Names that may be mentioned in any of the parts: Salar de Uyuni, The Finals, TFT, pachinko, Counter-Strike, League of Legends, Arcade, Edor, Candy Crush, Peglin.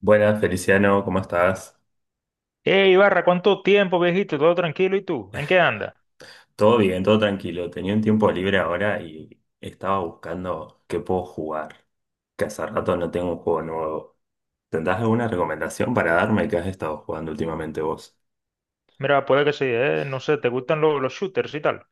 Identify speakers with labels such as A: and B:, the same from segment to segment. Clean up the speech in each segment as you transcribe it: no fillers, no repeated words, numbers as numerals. A: Buenas, Feliciano, ¿cómo estás?
B: Hey, Ibarra, ¿cuánto tiempo, viejito? ¿Todo tranquilo? ¿Y tú? ¿En qué andas?
A: Todo bien, todo tranquilo. Tenía un tiempo libre ahora y estaba buscando qué puedo jugar, que hace rato no tengo un juego nuevo. ¿Tendrás alguna recomendación para darme que has estado jugando últimamente vos?
B: Mira, puede que sí, no sé, ¿te gustan los shooters y tal?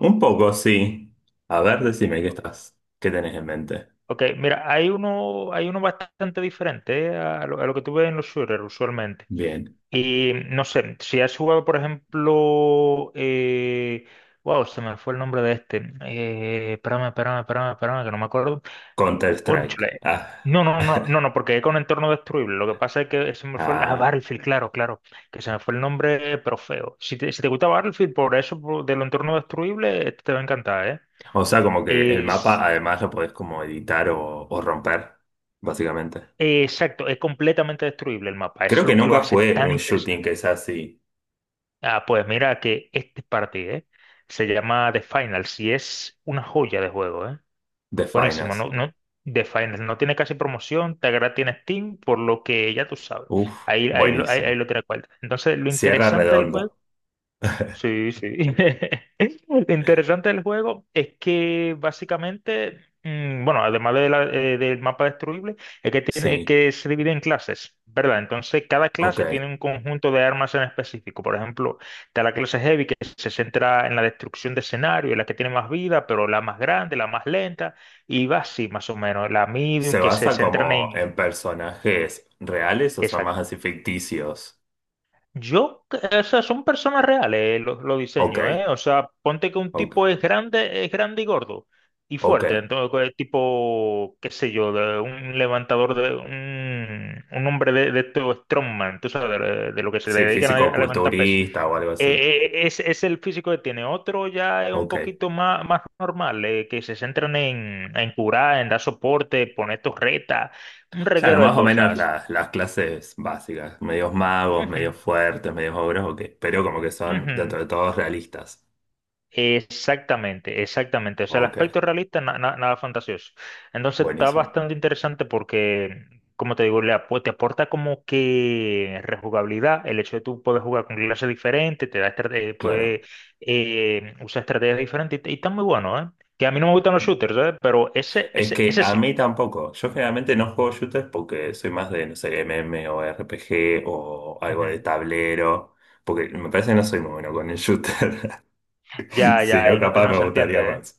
A: Un poco, sí. A ver, decime qué estás, qué tenés en mente.
B: Ok, mira, hay uno bastante diferente a lo que tú ves en los shooters usualmente.
A: Bien,
B: Y no sé, si has jugado, por ejemplo, wow, se me fue el nombre de este. Espérame, que no me acuerdo. Un
A: Counter-Strike.
B: chile.
A: Ah.
B: No, no, no, no, no, porque es con entorno destruible. Lo que pasa es que se me fue el. Ah,
A: Ah,
B: Battlefield, claro, claro. Que se me fue el nombre, pero feo. Si te gusta Battlefield, por eso, de lo entorno destruible, este te va a encantar, ¿eh?
A: o sea, como que el mapa
B: Es...
A: además lo podés como editar o romper, básicamente.
B: Exacto, es completamente destruible el mapa. Eso
A: Creo
B: es
A: que
B: lo que lo
A: nunca
B: hace
A: jugué
B: tan
A: un shooting
B: interesante.
A: que sea así.
B: Ah, pues mira que este partido, ¿eh? Se llama The Finals y es una joya de juego, ¿eh?
A: The
B: Buenísimo,
A: Finance.
B: ¿no? ¿No? The Finest no tiene casi promoción, Tagra tiene Steam, por lo que ya tú sabes.
A: Uf,
B: Ahí, ahí
A: buenísimo.
B: lo tiene cual. Entonces, lo
A: Cierra
B: interesante del juego.
A: redondo.
B: Sí, sí. Lo interesante del juego es que básicamente, bueno, además de del mapa destruible, es que tiene
A: Sí,
B: que se divide en clases, ¿verdad? Entonces, cada
A: ok.
B: clase tiene un conjunto de armas en específico. Por ejemplo, está la clase Heavy que se centra en la destrucción de escenario, es la que tiene más vida, pero la más grande, la más lenta, y va así más o menos. La
A: ¿Se
B: Medium que se
A: basa
B: centra
A: como
B: en...
A: en personajes reales o son más
B: Exacto.
A: así ficticios?
B: Yo, o sea, son personas reales los
A: Ok,
B: diseños, ¿eh? O sea, ponte que un
A: ok,
B: tipo es grande y gordo y
A: ok.
B: fuerte, entonces tipo, qué sé yo, de un levantador de un hombre de estos strongman, tú sabes, de lo que se le
A: Sí,
B: dedican a levantar peso.
A: físico-culturista o algo así.
B: Es el físico que tiene. Otro ya es un
A: Ok.
B: poquito más, más normal, que se centran en curar, en dar soporte, poner torretas, un
A: Claro,
B: reguero de
A: más o menos
B: cosas.
A: las clases básicas. Medios magos, medios
B: Ujú,
A: fuertes, medios ogros, ok. Pero como que son dentro
B: ujú.
A: de todos realistas.
B: Exactamente, exactamente. O sea, el
A: Ok,
B: aspecto realista, nada fantasioso. Entonces está
A: buenísimo.
B: bastante interesante porque, como te digo, te aporta como que rejugabilidad, el hecho de tú poder jugar con clases diferentes, te da
A: Claro.
B: puedes usar estrategias diferentes y está muy bueno, ¿eh? Que a mí no me gustan los shooters, ¿eh? Pero ese,
A: Es
B: ese,
A: que
B: ese
A: a
B: sí.
A: mí tampoco. Yo generalmente no juego shooters porque soy más de, no sé, MM o RPG o algo de
B: Ujú.
A: tablero. Porque me parece que no soy muy bueno con el shooter.
B: Ya,
A: Si
B: ya,
A: no,
B: y
A: capaz
B: no
A: me
B: se
A: gustaría
B: entiende, ¿eh?
A: más.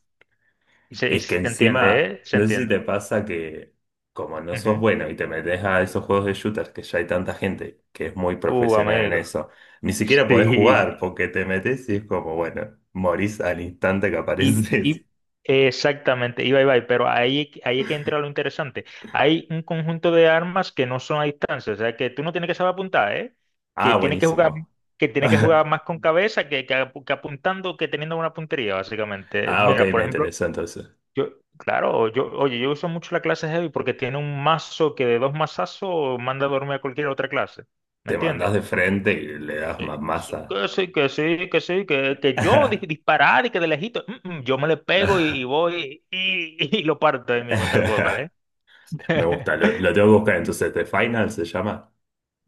B: Y se, y
A: Es que
B: se entiende,
A: encima,
B: ¿eh? Se
A: no sé si te
B: entiende.
A: pasa que como no sos
B: Ujú.
A: bueno y te metes a esos juegos de shooters que ya hay tanta gente que es muy profesional en
B: Amigo.
A: eso, ni siquiera podés jugar
B: Sí.
A: porque te metes y es como, bueno, morís al instante que
B: Y,
A: apareces.
B: y exactamente, iba y va, pero ahí, ahí es que entra lo interesante. Hay un conjunto de armas que no son a distancia, o sea, que tú no tienes que saber apuntar, ¿eh? Que
A: Ah,
B: tienes que jugar,
A: buenísimo.
B: que tienes que jugar más con cabeza que, que apuntando que teniendo una puntería, básicamente.
A: Ah, ok,
B: Mira, por
A: me
B: ejemplo,
A: interesó entonces.
B: yo, claro, yo, oye, yo uso mucho la clase Heavy porque tiene un mazo que de dos mazazos manda a dormir a cualquier otra clase, ¿me
A: Te
B: entiendes?
A: mandas de frente y le das más
B: Sí,
A: masa.
B: que sí, que sí, que sí, que yo disparar y que de lejito, yo me le pego y voy y lo parto ahí mismo, tal cual, ¿eh?
A: Me gusta, lo tengo que buscar entonces. The Final se llama.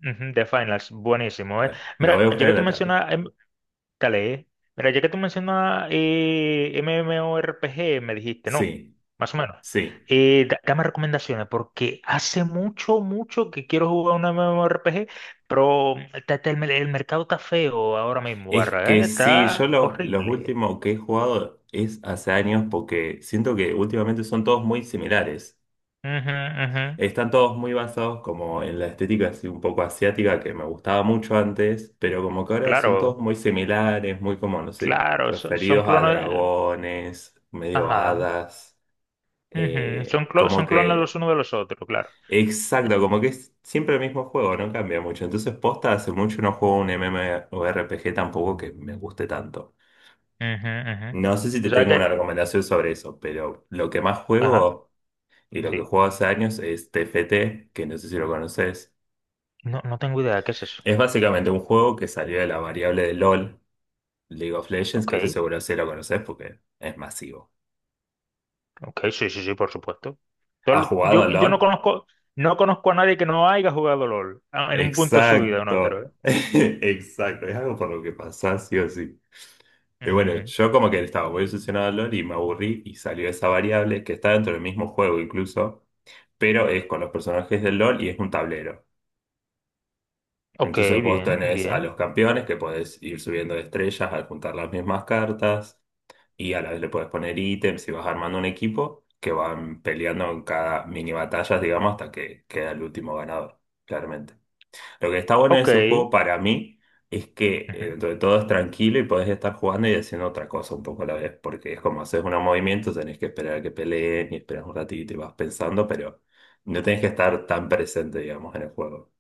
B: Ujú, The Finals, buenísimo, ¿eh?
A: Lo voy
B: Mira,
A: a
B: ya
A: buscar
B: que
A: en
B: tú
A: la tarde.
B: mencionas, dale, ¿eh? Mira, ya que tú mencionas MMORPG, me dijiste, ¿no?
A: Sí,
B: Más o menos.
A: sí.
B: Dame recomendaciones, porque hace mucho, mucho que quiero jugar un MMORPG, pero el mercado está feo ahora mismo,
A: Es
B: barra,
A: que
B: ¿eh?
A: sí, yo
B: Está
A: lo, los
B: horrible.
A: últimos que he jugado es hace años porque siento que últimamente son todos muy similares.
B: Ujú, ujú.
A: Están todos muy basados como en la estética así un poco asiática que me gustaba mucho antes, pero como que ahora son
B: Claro,
A: todos muy similares, muy como, no sé,
B: claro, son
A: referidos a
B: clones.
A: dragones, medio
B: Ajá.
A: hadas,
B: Ujú, son,
A: como
B: son clones
A: que,
B: los unos de los otros, claro.
A: exacto, como que es siempre el mismo juego, no cambia mucho. Entonces, posta, hace mucho no juego un MMORPG tampoco que me guste tanto.
B: Ujú, ujú.
A: No sé si
B: Tú
A: te
B: sabes
A: tengo
B: que.
A: una recomendación sobre eso, pero lo que más
B: Ajá,
A: juego y lo que
B: sí.
A: juego hace años es t F T, que no sé si lo conoces.
B: No, no tengo idea de qué es eso.
A: Es básicamente un juego que salió de la variable de LOL, League of Legends,
B: Ok,
A: que ese seguro sí lo conoces porque es masivo.
B: ok, sí, sí, sí, por supuesto.
A: ¿Has jugado a
B: Yo no
A: LOL?
B: conozco, no conozco a nadie que no haya jugado LOL ah, en un punto de su vida o en otro, ¿eh?
A: Exacto, exacto, es algo por lo que pasás, sí o sí. Y bueno,
B: Ujú.
A: yo como que estaba muy obsesionado a LOL y me aburrí y salió esa variable que está dentro del mismo juego incluso, pero es con los personajes del LOL y es un tablero.
B: Ok,
A: Entonces vos
B: bien,
A: tenés a
B: bien.
A: los campeones que podés ir subiendo de estrellas al juntar las mismas cartas y a la vez le puedes poner ítems y vas armando un equipo que van peleando en cada mini batallas, digamos, hasta que queda el último ganador, claramente. Lo que está bueno de
B: Ok.
A: ese juego para mí es que dentro de todo es tranquilo y podés estar jugando y haciendo otra cosa un poco a la vez, porque es como haces unos movimientos, tenés que esperar a que peleen y esperas un ratito y vas pensando, pero no tenés que estar tan presente, digamos, en el juego.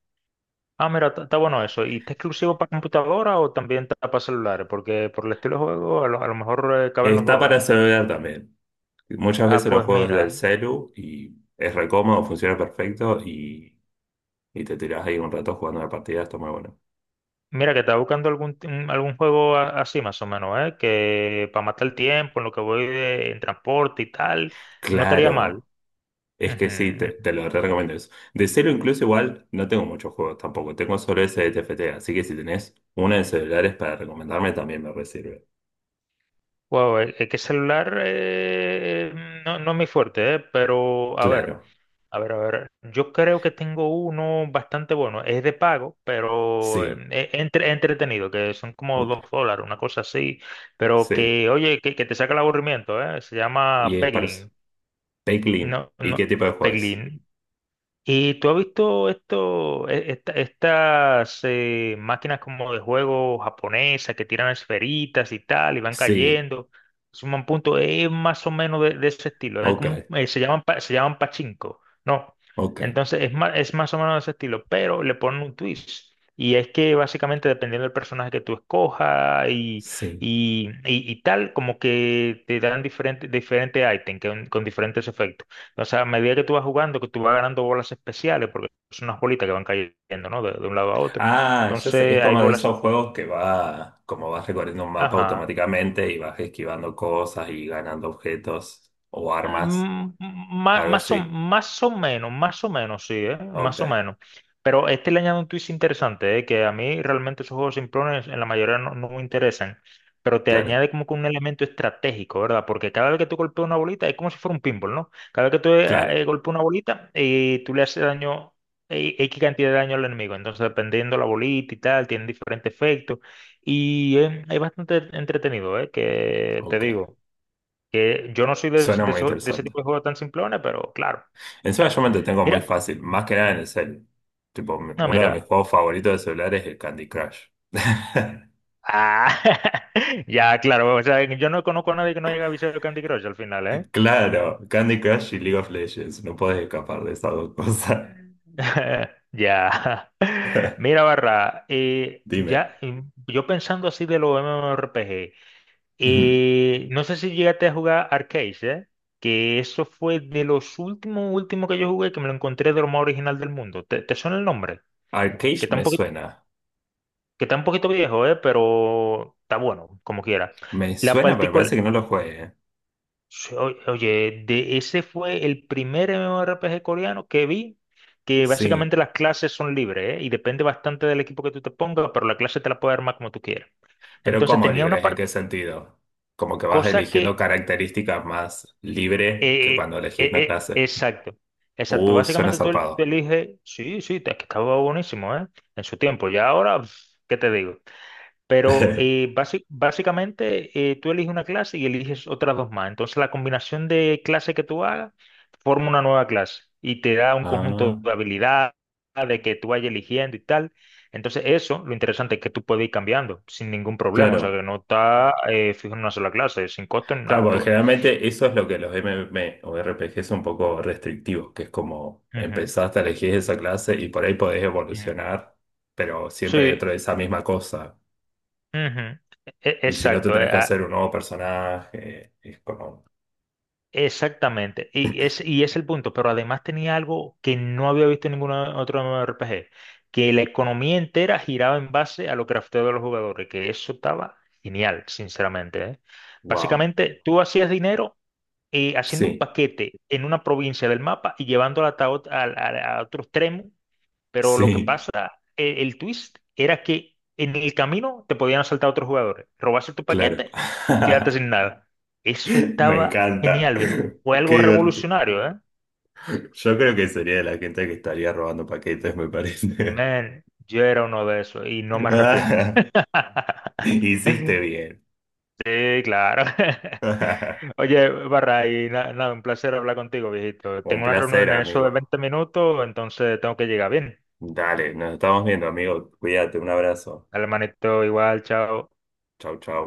B: Ah, mira, está está bueno eso. ¿Y está exclusivo para computadora o también está para celulares? Porque por el estilo de juego a lo mejor caben los
A: Está
B: dos,
A: para
B: ¿eh?
A: celular también. Muchas
B: Ah,
A: veces los
B: pues
A: juegos del
B: mira,
A: celu y es re cómodo, funciona perfecto y te tirás ahí un rato jugando la partida, está muy bueno.
B: mira que estaba buscando algún, algún juego así más o menos, ¿eh? Que para matar el tiempo, en lo que voy en transporte y tal, no estaría mal.
A: Claro, es que sí, te,
B: Ujú.
A: te lo re recomiendo eso. De cero incluso igual no tengo muchos juegos tampoco, tengo solo ese de T F T, así que si tenés una de celulares para recomendarme también me re sirve.
B: Wow, es que celular no, no es mi fuerte, ¿eh? Pero a ver.
A: Claro,
B: A ver, a ver, yo creo que tengo uno bastante bueno, es de pago, pero
A: sí,
B: es entretenido, que son como
A: ok,
B: dos dólares, una cosa así, pero
A: sí.
B: que, oye, que te saca el aburrimiento, ¿eh? Se
A: Y
B: llama
A: es para eso.
B: Peglin,
A: Take Lean.
B: no,
A: ¿Y
B: no,
A: qué tipo de juego es?
B: Peglin. ¿Y tú has visto esto, estas máquinas como de juego japonesas que tiran esferitas y tal y van
A: Sí,
B: cayendo? Suman puntos, es más o menos de ese estilo. Es
A: ok,
B: como se llaman, se llaman pachinko, ¿no?
A: ok,
B: Entonces es más o menos de ese estilo, pero le ponen un twist. Y es que básicamente dependiendo del personaje que tú escojas
A: sí.
B: y, y tal, como que te dan diferentes diferentes ítems con diferentes efectos. O sea, a medida que tú vas jugando, que tú vas ganando bolas especiales, porque son unas bolitas que van cayendo, ¿no? De un lado a otro.
A: Ah, ya sé, es
B: Entonces, hay
A: como de
B: bolas.
A: esos juegos que va, como vas recorriendo un mapa
B: Ajá.
A: automáticamente y vas esquivando cosas y ganando objetos o armas, algo
B: Más, o,
A: así.
B: más o menos, sí,
A: Ok,
B: más o menos. Pero este le añade un twist interesante, que a mí realmente esos juegos simplones en la mayoría no, no me interesan, pero te
A: claro,
B: añade como que un elemento estratégico, ¿verdad? Porque cada vez que tú golpeas una bolita es como si fuera un pinball, ¿no? Cada vez que tú
A: claro,
B: golpeas una bolita y tú le haces daño, X cantidad de daño al enemigo. Entonces, dependiendo la bolita y tal, tiene diferentes efectos. Y es bastante entretenido, ¿eh? Que te
A: ok.
B: digo. Que yo no soy de,
A: Suena muy
B: de ese
A: interesante.
B: tipo de juegos tan simplones, pero claro,
A: Encima
B: claro.
A: yo me entretengo muy
B: Mira,
A: fácil, más que nada en el cel. Tipo,
B: no,
A: uno de mis
B: mira.
A: juegos favoritos de celular es el Candy Crush.
B: Ah, ya, claro, o sea, yo no conozco a nadie que no haya visto Candy Crush al final, ¿eh?
A: Claro, Candy Crush y League of Legends, no puedes escapar de esas dos cosas.
B: Ya. Mira, Barra,
A: Dime,
B: ya, yo pensando así de los MMORPG,
A: ujú.
B: no sé si llegaste a jugar Arcade, ¿eh? Que eso fue de los últimos, últimos que yo jugué, que me lo encontré de lo más original del mundo. ¿Te, te suena el nombre? Que
A: Arcade me
B: tampoco
A: suena.
B: que está un poquito viejo, pero está bueno, como quiera.
A: Me
B: La
A: suena, pero me
B: partícula,
A: parece que no lo juegue, ¿eh?
B: oye, de ese fue el primer MMORPG coreano que vi, que
A: Sí.
B: básicamente las clases son libres, y depende bastante del equipo que tú te pongas, pero la clase te la puedes armar como tú quieras.
A: Pero
B: Entonces
A: ¿cómo
B: tenía
A: libres? ¿En qué sentido? Como que vas
B: cosa
A: eligiendo
B: que,
A: características más libre que cuando elegís una clase.
B: exacto, exacto,
A: Suena
B: básicamente tú tú
A: zarpado.
B: eliges, sí, sí, es que estaba buenísimo, en su tiempo, ya ahora, pf, ¿qué te digo? Pero básicamente tú eliges una clase y eliges otras dos más. Entonces la combinación de clases que tú hagas forma una nueva clase y te da un conjunto
A: Ah,
B: de habilidades que tú vayas eligiendo y tal. Entonces eso, lo interesante es que tú puedes ir cambiando sin ningún problema. O sea,
A: claro.
B: que no está fijo en una sola clase, sin costo ni
A: Claro,
B: nada,
A: porque
B: todo.
A: generalmente eso es lo que los m m M o r p RPG son un poco restrictivos, que es como
B: Ujú,
A: empezaste a elegir esa clase y por ahí podés
B: ujú.
A: evolucionar, pero siempre dentro
B: Sí,
A: de esa misma cosa.
B: ujú. E-
A: Y si no, te
B: Exacto.
A: tenés
B: eh,
A: que
B: a-
A: hacer un nuevo personaje. Es como,
B: Exactamente, y es el punto, pero además tenía algo que no había visto en ningún otro R P G, que la economía entera giraba en base a lo crafteado de los jugadores, que eso estaba genial, sinceramente, ¿eh?
A: wow.
B: Básicamente, tú hacías dinero haciendo un
A: Sí,
B: paquete en una provincia del mapa y llevando el ataúd a, otro extremo, pero lo que
A: sí.
B: pasa, twist era que en el camino te podían asaltar otros jugadores, robarse tu
A: Claro.
B: paquete, quedarte sin nada. Eso
A: Me
B: estaba
A: encanta.
B: genial, viejo. Fue
A: Qué
B: algo
A: divertido.
B: revolucionario, ¿eh?
A: Yo creo que sería de la gente que estaría robando paquetes, me parece.
B: Man, yo era uno de esos y no me arrepiento.
A: Hiciste bien.
B: Sí, claro. Oye, Barra, y nada, un placer hablar contigo, viejito.
A: Un
B: Tengo una
A: placer,
B: reunión en eso de
A: amigo.
B: 20 minutos, entonces tengo que llegar bien.
A: Dale, nos estamos viendo, amigo. Cuídate, un abrazo.
B: Dale, manito, igual, chao.
A: Chau, chau.